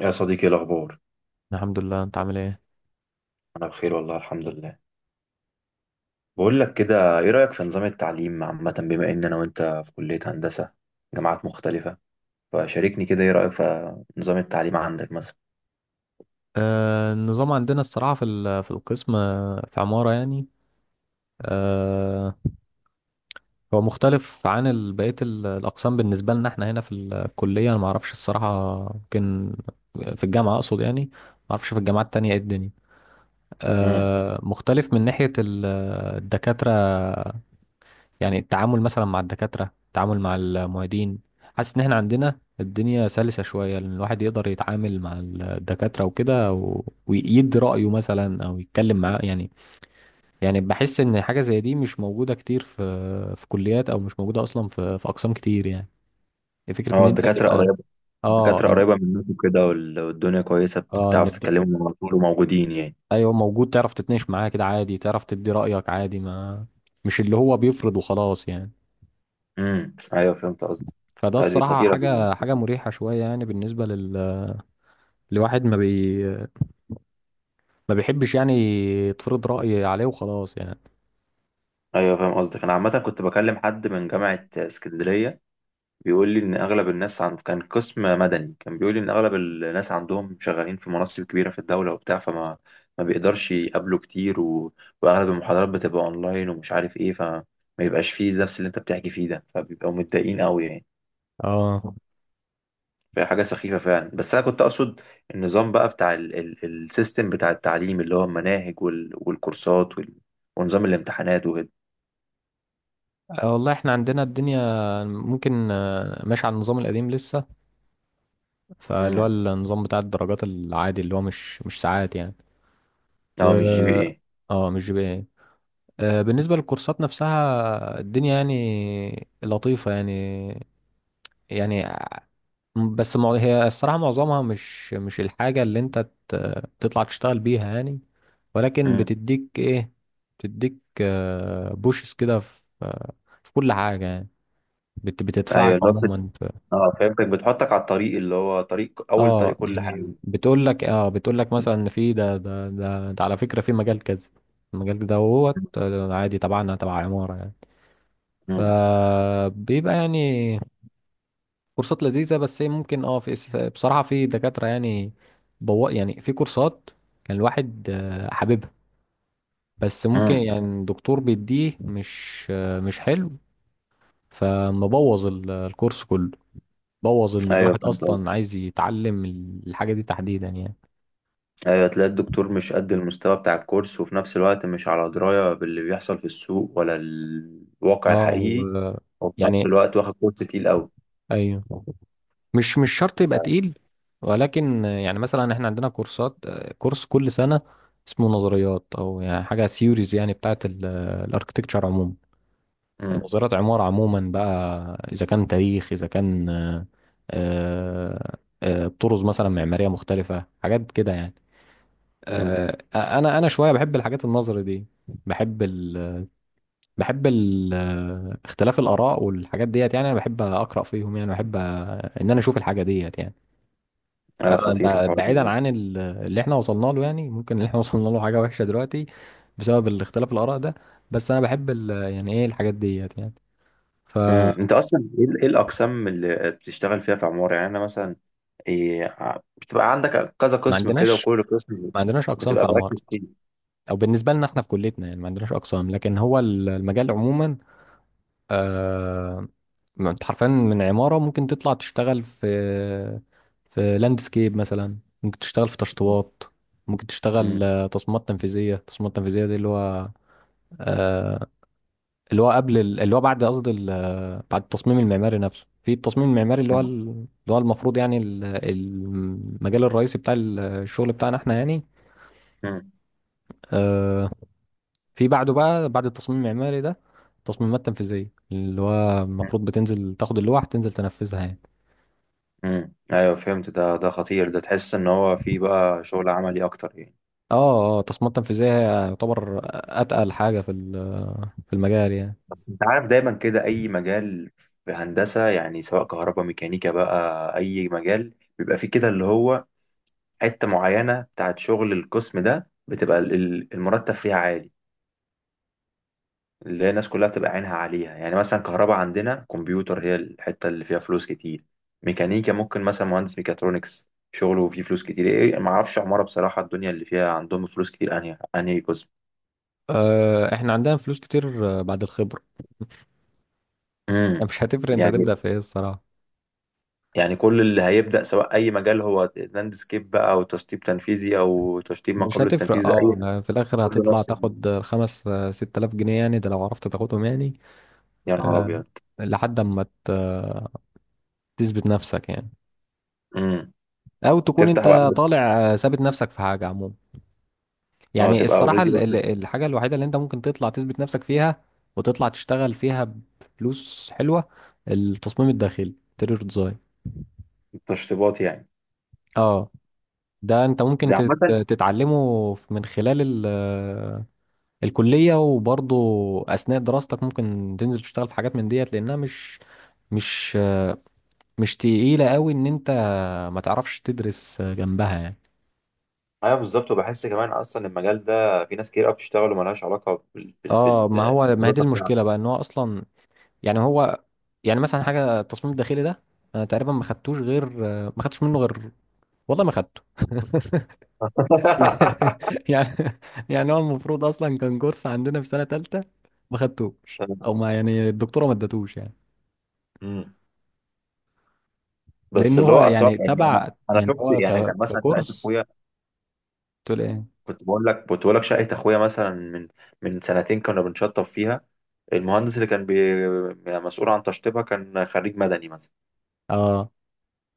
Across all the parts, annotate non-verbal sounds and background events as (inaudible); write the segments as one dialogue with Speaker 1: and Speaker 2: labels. Speaker 1: يا صديقي، إيه الأخبار؟
Speaker 2: الحمد لله، انت عامل ايه؟
Speaker 1: أنا بخير، والله الحمد لله. بقول لك كده، إيه رأيك في نظام التعليم عامة، بما إن أنا وأنت في كلية هندسة جامعات مختلفة؟ فشاركني كده، إيه رأيك في نظام التعليم عندك مثلا؟
Speaker 2: النظام عندنا الصراحة في في القسم، في عمارة يعني. آه هو مختلف عن بقية الأقسام بالنسبة لنا، احنا هنا في الكلية. أنا معرفش الصراحة، يمكن في الجامعة أقصد يعني. معرفش في الجامعات التانية ايه الدنيا.
Speaker 1: امم.
Speaker 2: مختلف من ناحية الدكاترة. يعني التعامل مثلا مع الدكاترة، التعامل مع المعيدين. حاسس ان احنا عندنا الدنيا سلسة شوية، لان الواحد يقدر يتعامل مع الدكاترة وكده ويدي رأيه مثلا او يتكلم معاه يعني. يعني بحس ان حاجة زي دي مش موجودة كتير في كليات، او مش موجودة اصلا في اقسام كتير يعني. فكرة ان
Speaker 1: أه،
Speaker 2: انت
Speaker 1: الدكاترة
Speaker 2: تبقى
Speaker 1: قريبة.
Speaker 2: اه
Speaker 1: الدكاترة
Speaker 2: إن...
Speaker 1: قريبة منكم كده، وال- والدنيا كويسة،
Speaker 2: اه ان
Speaker 1: بتعرف
Speaker 2: الد-
Speaker 1: تتكلموا مع طول وموجودين يعني.
Speaker 2: ايوه، موجود، تعرف تتناقش معاه كده عادي، تعرف تدي رأيك عادي، ما مش اللي هو بيفرض وخلاص يعني.
Speaker 1: امم، أيوه، فهمت قصدك.
Speaker 2: فده
Speaker 1: لا، دي
Speaker 2: الصراحة
Speaker 1: خطيرة
Speaker 2: حاجة
Speaker 1: جدا.
Speaker 2: حاجة مريحة شوية يعني بالنسبة الواحد. ما بيحبش يعني يتفرض رأي عليه وخلاص يعني.
Speaker 1: أيوه، فاهم قصدك. أنا عامة كنت بكلم حد من جامعة اسكندرية، بيقول لي ان اغلب الناس، عن كان قسم مدني، كان بيقول لي ان اغلب الناس عندهم شغالين في مناصب كبيره في الدوله وبتاع، فما ما بيقدرش يقابله كتير، و... واغلب المحاضرات بتبقى اونلاين ومش عارف ايه، فما يبقاش فيه نفس اللي انت بتحكي فيه ده، فبيبقوا متضايقين قوي يعني.
Speaker 2: اه.
Speaker 1: فهي حاجه سخيفه فعلا. بس انا كنت اقصد النظام بقى بتاع السيستم بتاع التعليم، اللي هو المناهج والكورسات ونظام الامتحانات وكده.
Speaker 2: والله احنا عندنا الدنيا ممكن، ماشي على النظام القديم لسه. فاللي هو
Speaker 1: امم،
Speaker 2: النظام بتاع الدرجات العادي، اللي هو مش ساعات يعني.
Speaker 1: اه، مش جي بي
Speaker 2: و
Speaker 1: ايه
Speaker 2: اه، مش GPA. بالنسبة للكورسات نفسها، الدنيا يعني لطيفة يعني. يعني بس هي الصراحة معظمها مش الحاجة اللي انت تطلع تشتغل بيها يعني. ولكن
Speaker 1: امم،
Speaker 2: بتديك ايه، بتديك بوشس كده في، في كل حاجة يعني. بتدفعك
Speaker 1: ايوه، اللي هو
Speaker 2: عموما
Speaker 1: اه، فهمتك، بتحطك على الطريق، اللي هو طريق اول،
Speaker 2: اه،
Speaker 1: طريق كل حاجه.
Speaker 2: يعني بتقول لك مثلا ان في ده على فكرة في مجال كذا. المجال ده هو عادي، تبعنا تبع عمارة يعني.
Speaker 1: امم.
Speaker 2: فبيبقى يعني كورسات لذيذة، بس هي ممكن بصراحة في دكاترة يعني، يعني في كورسات كان الواحد، حاببها. بس ممكن
Speaker 1: امم،
Speaker 2: يعني الدكتور بيديه مش حلو، فمبوظ الكورس كله، بوظ ان
Speaker 1: ايوه،
Speaker 2: الواحد
Speaker 1: فهمت
Speaker 2: اصلا
Speaker 1: قصدك.
Speaker 2: عايز يتعلم الحاجة دي تحديدا يعني.
Speaker 1: ايوه، تلاقي الدكتور مش قد المستوى بتاع الكورس، وفي نفس الوقت مش على درايه باللي بيحصل في السوق ولا الواقع
Speaker 2: اه
Speaker 1: الحقيقي،
Speaker 2: و-
Speaker 1: وفي نفس
Speaker 2: يعني
Speaker 1: الوقت واخد كورس تقيل قوي.
Speaker 2: ايوه، مش شرط يبقى تقيل، ولكن يعني مثلا احنا عندنا كورسات، كورس كل سنة اسمه نظريات، او يعني حاجة سيوريز يعني بتاعت الاركتكتشر عموما.
Speaker 1: امم.
Speaker 2: نظريات عمارة عموما بقى، إذا كان تاريخ، إذا كان طرز مثلا معمارية مختلفة، حاجات كده يعني.
Speaker 1: امم،
Speaker 2: أنا شوية بحب الحاجات النظري دي. بحب ال بحب ال آه، اختلاف الآراء والحاجات ديت يعني، أنا بحب أقرأ فيهم يعني. بحب، إن أنا أشوف الحاجة ديت يعني.
Speaker 1: ايوه،
Speaker 2: أنا
Speaker 1: خطير الحوار
Speaker 2: بعيدا
Speaker 1: ده.
Speaker 2: عن اللي إحنا وصلنا له يعني، ممكن اللي إحنا (laughs) وصلنا له حاجة وحشة دلوقتي بسبب الاختلاف الآراء ده. بس أنا بحب يعني إيه الحاجات ديت يعني. ف
Speaker 1: امم، انت اصلا ايه إيه الاقسام اللي بتشتغل فيها في عماره يعني؟ انا مثلا إيه، بتبقى عندك كذا
Speaker 2: ما
Speaker 1: قسم كده،
Speaker 2: عندناش
Speaker 1: وكل قسم
Speaker 2: ما عندناش اقسام في
Speaker 1: بتبقى
Speaker 2: عمارة،
Speaker 1: مركز فيه؟
Speaker 2: او بالنسبة لنا احنا في كليتنا يعني ما عندناش اقسام. لكن هو المجال عموما، آه ما انت حرفيا من عمارة ممكن تطلع تشتغل في لاندسكيب مثلا، ممكن تشتغل في تشطيبات، ممكن
Speaker 1: مم.
Speaker 2: تشتغل، تصميمات تنفيذية. التصميمات التنفيذية دي اللي هو، آه اللي هو اللي هو بعد قصدي بعد التصميم المعماري نفسه. في التصميم المعماري اللي هو
Speaker 1: مم.
Speaker 2: اللي هو المفروض يعني المجال الرئيسي بتاع الشغل بتاعنا احنا يعني. آه، في بعده بقى، بعد التصميم المعماري ده، التصميمات التنفيذية، اللي هو
Speaker 1: مم.
Speaker 2: المفروض بتنزل تاخد اللوح تنزل تنفذها يعني.
Speaker 1: امم، ايوه، فهمت. ده خطير ده، تحس ان هو فيه بقى شغل عملي اكتر يعني.
Speaker 2: اه. اه التصميمات التنفيذية هي يعتبر أتقل حاجة في في المجال يعني.
Speaker 1: بس انت عارف دايما كده، اي مجال في هندسه يعني، سواء كهرباء ميكانيكا بقى، اي مجال بيبقى فيه كده اللي هو حته معينه بتاعت شغل القسم ده، بتبقى المرتب فيها عالي، اللي هي الناس كلها بتبقى عينها عليها. يعني مثلا كهرباء عندنا كمبيوتر هي الحته اللي فيها فلوس كتير. ميكانيكا ممكن مثلا مهندس ميكاترونكس شغله فيه فلوس كتير. ايه، ما اعرفش عماره بصراحه، الدنيا اللي فيها عندهم فلوس كتير انهي قسم؟
Speaker 2: احنا عندنا فلوس كتير، بعد الخبرة. (laughs) يعني
Speaker 1: امم،
Speaker 2: مش هتفرق انت
Speaker 1: يعني
Speaker 2: هتبدأ في ايه الصراحة.
Speaker 1: يعني كل اللي هيبدأ سواء أي مجال، هو لاندسكيب بقى أو تشطيب تنفيذي أو تشطيب ما
Speaker 2: مش
Speaker 1: قبل
Speaker 2: هتفرق،
Speaker 1: التنفيذ،
Speaker 2: اه
Speaker 1: أي
Speaker 2: يعني في الآخر
Speaker 1: كله
Speaker 2: هتطلع
Speaker 1: نفس
Speaker 2: تاخد خمس آه، 6 آلاف جنيه يعني، ده لو عرفت تاخدهم يعني.
Speaker 1: يا نهار
Speaker 2: آه
Speaker 1: أبيض!
Speaker 2: لحد ما تثبت نفسك يعني،
Speaker 1: امم،
Speaker 2: أو تكون
Speaker 1: تفتح بقى
Speaker 2: انت
Speaker 1: بس.
Speaker 2: طالع، ثابت نفسك في حاجة عموما.
Speaker 1: أه،
Speaker 2: يعني
Speaker 1: تبقى
Speaker 2: الصراحة
Speaker 1: أوريدي.
Speaker 2: الحاجة الوحيدة اللي انت ممكن تطلع تثبت نفسك فيها وتطلع تشتغل فيها بفلوس حلوة، التصميم الداخلي، interior ديزاين.
Speaker 1: تشطيبات يعني.
Speaker 2: اه، ده انت ممكن
Speaker 1: ده عامة.
Speaker 2: تتعلمه من خلال ال- الكلية، وبرضه أثناء دراستك ممكن تنزل تشتغل في حاجات من ديت، لأنها مش مش تقيلة قوي ان انت ما تعرفش تدرس جنبها يعني.
Speaker 1: أيوه بالظبط، وبحس كمان أصلا المجال ده في ناس كتير قوي بتشتغل وملهاش علاقة
Speaker 2: اه، ما هي دي
Speaker 1: بالدراسة
Speaker 2: المشكلة
Speaker 1: بتاعتك.
Speaker 2: بقى، ان هو اصلا يعني هو يعني مثلا حاجه التصميم الداخلي ده، انا تقريبا ما خدتش منه غير، والله ما خدته. (laughs) يعني
Speaker 1: (laughs)
Speaker 2: يعني يعني هو المفروض اصلا كان كورس عندنا في سنه ثالثه، ما خدتوش او ما يعني الدكتوره ما ادتوش يعني،
Speaker 1: امم،
Speaker 2: لان
Speaker 1: بس اللي
Speaker 2: هو
Speaker 1: هو أصلا
Speaker 2: يعني
Speaker 1: يعني أنا
Speaker 2: تبع
Speaker 1: أنا
Speaker 2: يعني
Speaker 1: شفت
Speaker 2: هو
Speaker 1: يعني، كان مثلا لقيت
Speaker 2: ككورس.
Speaker 1: أخويا.
Speaker 2: تقول ايه؟
Speaker 1: كنت بقول لك شقه اخويا مثلا من سنتين كنا بنشطب فيها. المهندس اللي كان يعني مسؤول عن تشطيبها كان خريج مدني مثلا.
Speaker 2: اه،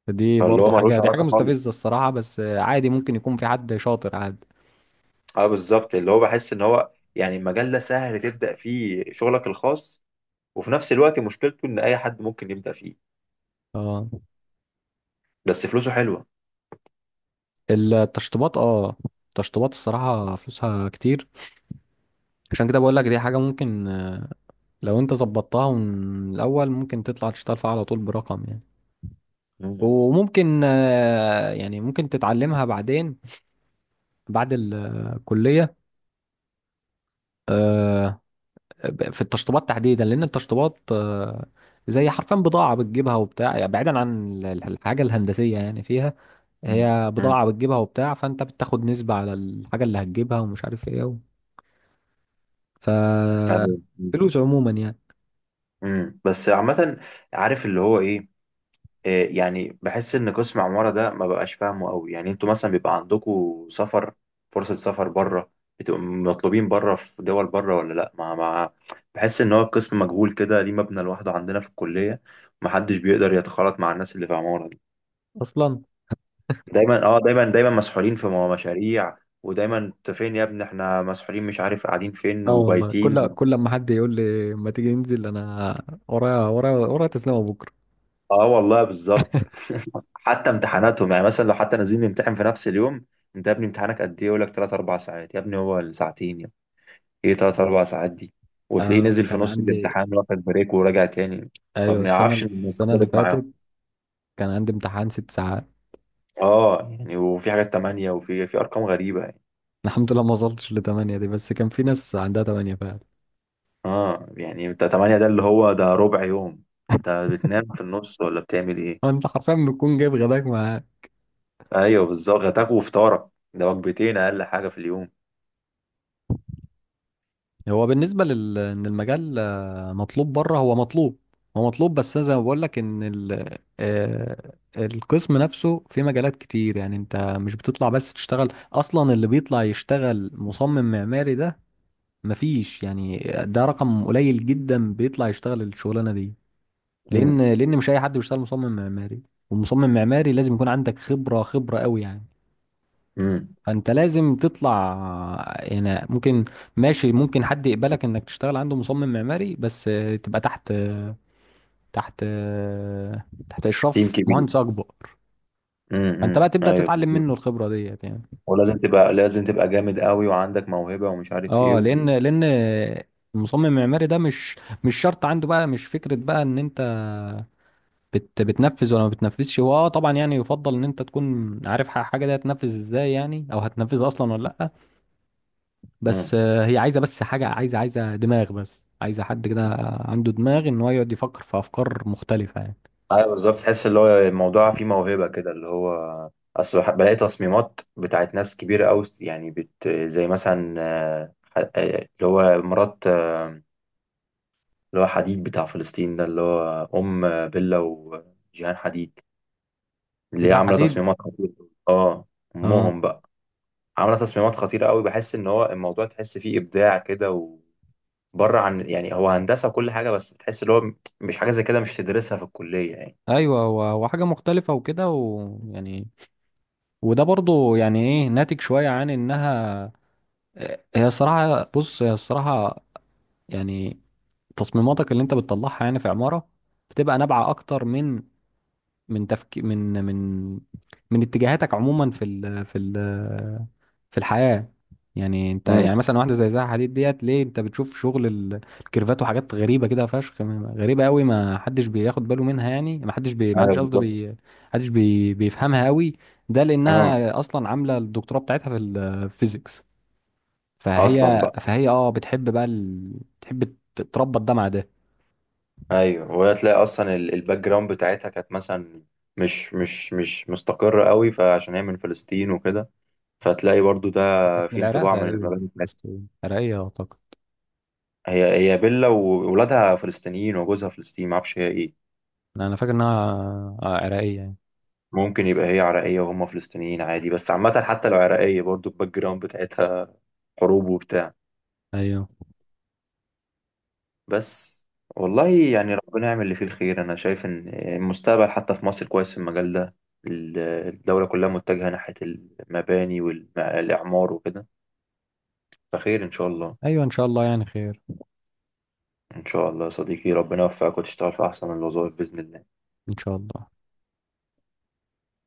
Speaker 1: فاللي هو ملوش
Speaker 2: دي حاجه
Speaker 1: علاقه خالص.
Speaker 2: مستفزه الصراحه، بس عادي ممكن يكون في حد شاطر عادي.
Speaker 1: اه بالظبط، اللي هو بحس ان هو يعني المجال ده سهل تبدا فيه شغلك الخاص، وفي نفس الوقت مشكلته ان اي حد ممكن يبدا فيه.
Speaker 2: اه
Speaker 1: بس فلوسه حلوه.
Speaker 2: التشطيبات، التشطيبات الصراحه فلوسها كتير. عشان كده بقول لك دي حاجة ممكن، لو انت ظبطتها من الأول ممكن تطلع تشتغل فيها على طول برقم يعني.
Speaker 1: امم.
Speaker 2: وممكن، يعني ممكن تتعلمها بعدين بعد الكلية، آه، في التشطيبات تحديدا، لأن التشطيبات زي حرفيا بضاعة بتجيبها وبتاع يعني، بعيدا عن الحاجة الهندسية يعني فيها، هي
Speaker 1: امم،
Speaker 2: بضاعة بتجيبها وبتاع. فأنت بتاخد نسبة على الحاجة اللي هتجيبها ومش عارف ايه ف
Speaker 1: أيوة. مم.
Speaker 2: فلوس عموما يعني.
Speaker 1: مم. بس عامه، عارف اللي هو ايه؟ إيه يعني، بحس ان قسم عمارة ده ما بقاش فاهمه قوي. يعني انتوا مثلا بيبقى عندكم سفر، فرصة سفر بره، بتبقوا مطلوبين بره في دول بره، ولا لا؟ ما بحس ان هو القسم مجهول كده، ليه مبنى لوحده عندنا في الكلية؟ محدش بيقدر يتخالط مع الناس اللي في عمارة دي.
Speaker 2: أصلا
Speaker 1: دايما مسحولين في مشاريع. ودايما انت فين يا ابني، احنا مسحولين، مش عارف قاعدين فين
Speaker 2: اه، والله
Speaker 1: وبايتين.
Speaker 2: كل ما حد يقول لي ما تيجي ننزل، انا ورايا ورايا ورايا تسليمه بكره.
Speaker 1: اه، والله بالظبط. حتى امتحاناتهم، يعني مثلا لو حتى نازلين نمتحن في نفس اليوم، انت يا ابني امتحانك قد ايه؟ يقول لك 3 4 ساعات. يا ابني هو الساعتين يا ابني. ايه 3 4 ساعات دي؟ وتلاقيه نزل في
Speaker 2: كان
Speaker 1: نص
Speaker 2: عندي،
Speaker 1: الامتحان واخد بريك وراجع تاني. ما
Speaker 2: ايوه
Speaker 1: بنعرفش
Speaker 2: السنه اللي
Speaker 1: نتخلط معاهم.
Speaker 2: فاتت كان عندي امتحان 6 ساعات.
Speaker 1: اه يعني، وفي حاجات 8، وفي ارقام غريبة يعني.
Speaker 2: (laughs) الحمد لله ما وصلتش لـ8 دي، بس كان في ناس عندها 8.
Speaker 1: اه يعني، انت 8 ده اللي هو ده ربع يوم، انت بتنام في النص ولا بتعمل ايه؟
Speaker 2: انت حرفيا بتكون جايب غداك معاك.
Speaker 1: ايوه بالظبط، غداك وفطارك ده وجبتين اقل حاجة في اليوم.
Speaker 2: هو بالنسبه ان المجال، مطلوب بره، هو مطلوب. هو مطلوب، بس أنا زي ما بقول لك ان ال... آه، القسم نفسه في مجالات كتير. يعني انت مش بتطلع بس تشتغل، اصلا اللي بيطلع يشتغل مصمم معماري ده مفيش يعني، ده رقم قليل جدا بيطلع يشتغل الشغلانه دي،
Speaker 1: امم.
Speaker 2: لان مش اي حد بيشتغل مصمم معماري. والمصمم معماري لازم يكون عندك خبره خبره قوي يعني.
Speaker 1: امم،
Speaker 2: فانت لازم تطلع يعني، ممكن ماشي ممكن حد يقبلك انك تشتغل عنده مصمم معماري، بس تبقى تحت، تحت آه،
Speaker 1: تيم
Speaker 2: اشراف
Speaker 1: كبير.
Speaker 2: مهندس اكبر. فانت بقى
Speaker 1: امم،
Speaker 2: تبدا
Speaker 1: ايوه،
Speaker 2: تتعلم منه الخبره ديت يعني.
Speaker 1: ولازم تبقى لازم تبقى جامد قوي وعندك موهبة ومش عارف ايه
Speaker 2: اه،
Speaker 1: و.
Speaker 2: لان المصمم المعماري ده مش شرط عنده بقى، مش فكرة بقى ان انت بتنفذ ولا ما بتنفذش. هو اه طبعا يعني يفضل ان انت تكون عارف حاجه دي هتنفذ ازاي يعني، او هتنفذها اصلا ولا لا. بس،
Speaker 1: مم.
Speaker 2: هي عايزه بس حاجه، عايزه دماغ، بس عايزه حد كده عنده دماغ ان هو يقعد يفكر في افكار مختلفه يعني.
Speaker 1: ايوه بالظبط، تحس اللي هو الموضوع فيه موهبة كده، اللي هو اصل بلاقي تصميمات بتاعت ناس كبيرة قوي، يعني زي مثلا اللي هو مرات اللي هو حديد بتاع فلسطين ده، اللي هو ام بيلا وجيهان حديد، اللي هي
Speaker 2: لا
Speaker 1: عاملة
Speaker 2: حديد.
Speaker 1: تصميمات خطيرة. اه،
Speaker 2: اه
Speaker 1: امهم بقى. عاملة تصميمات خطيرة قوي، بحس ان هو الموضوع تحس فيه ابداع كده، بره عن يعني هو هندسه وكل حاجه، بس بتحس اللي هو مش حاجه زي كده، مش تدرسها في الكليه يعني.
Speaker 2: ايوه، وحاجه مختلفه وكده ويعني، وده برضو يعني ايه، ناتج شويه عن انها، هي الصراحه يعني تصميماتك اللي انت بتطلعها يعني في عماره بتبقى نابعه اكتر من تفكير، من من اتجاهاتك عموما في الحياة. يعني انت يعني
Speaker 1: امم،
Speaker 2: مثلا واحدة زي زها حديد ديت، ليه انت بتشوف شغل الكيرفات وحاجات غريبة كده فشخ، غريبة قوي ما حدش بياخد باله منها يعني. ما حدش بي ما
Speaker 1: ايوه
Speaker 2: حدش قصده
Speaker 1: بالظبط.
Speaker 2: بي حدش بي بيفهمها قوي. ده
Speaker 1: اه،
Speaker 2: لأنها أصلا عاملة الدكتوراه بتاعتها في الفيزيكس.
Speaker 1: اصلا
Speaker 2: فهي
Speaker 1: بقى
Speaker 2: فهي اه بتحب بقى بتحب تربط ده مع ده.
Speaker 1: ايوه، وهي تلاقي اصلا الباك جراوند بتاعتها كانت مثلا مش مستقره قوي، فعشان هي من فلسطين وكده، فتلاقي برضو ده
Speaker 2: دي كانت من
Speaker 1: في
Speaker 2: العراق
Speaker 1: انطباع من
Speaker 2: تقريبا
Speaker 1: المباني بتاعتها.
Speaker 2: عراقية أعتقد.
Speaker 1: هي بيلا وولادها فلسطينيين وجوزها فلسطيني، ما اعرفش هي ايه.
Speaker 2: انا فاكر انها عراقية يعني.
Speaker 1: ممكن يبقى هي عراقيه وهم فلسطينيين عادي. بس عامه حتى لو عراقيه، برضو الباك جراوند بتاعتها حروب وبتاع.
Speaker 2: ايوه،
Speaker 1: بس والله، يعني ربنا يعمل اللي فيه الخير. انا شايف ان المستقبل حتى في مصر كويس في المجال ده، الدولة كلها متجهة ناحية المباني والإعمار وكده، فخير إن شاء الله.
Speaker 2: ايوه، ان شاء الله يعني خير.
Speaker 1: إن شاء الله يا صديقي، ربنا يوفقك وتشتغل في أحسن الوظائف بإذن الله.
Speaker 2: ان شاء الله.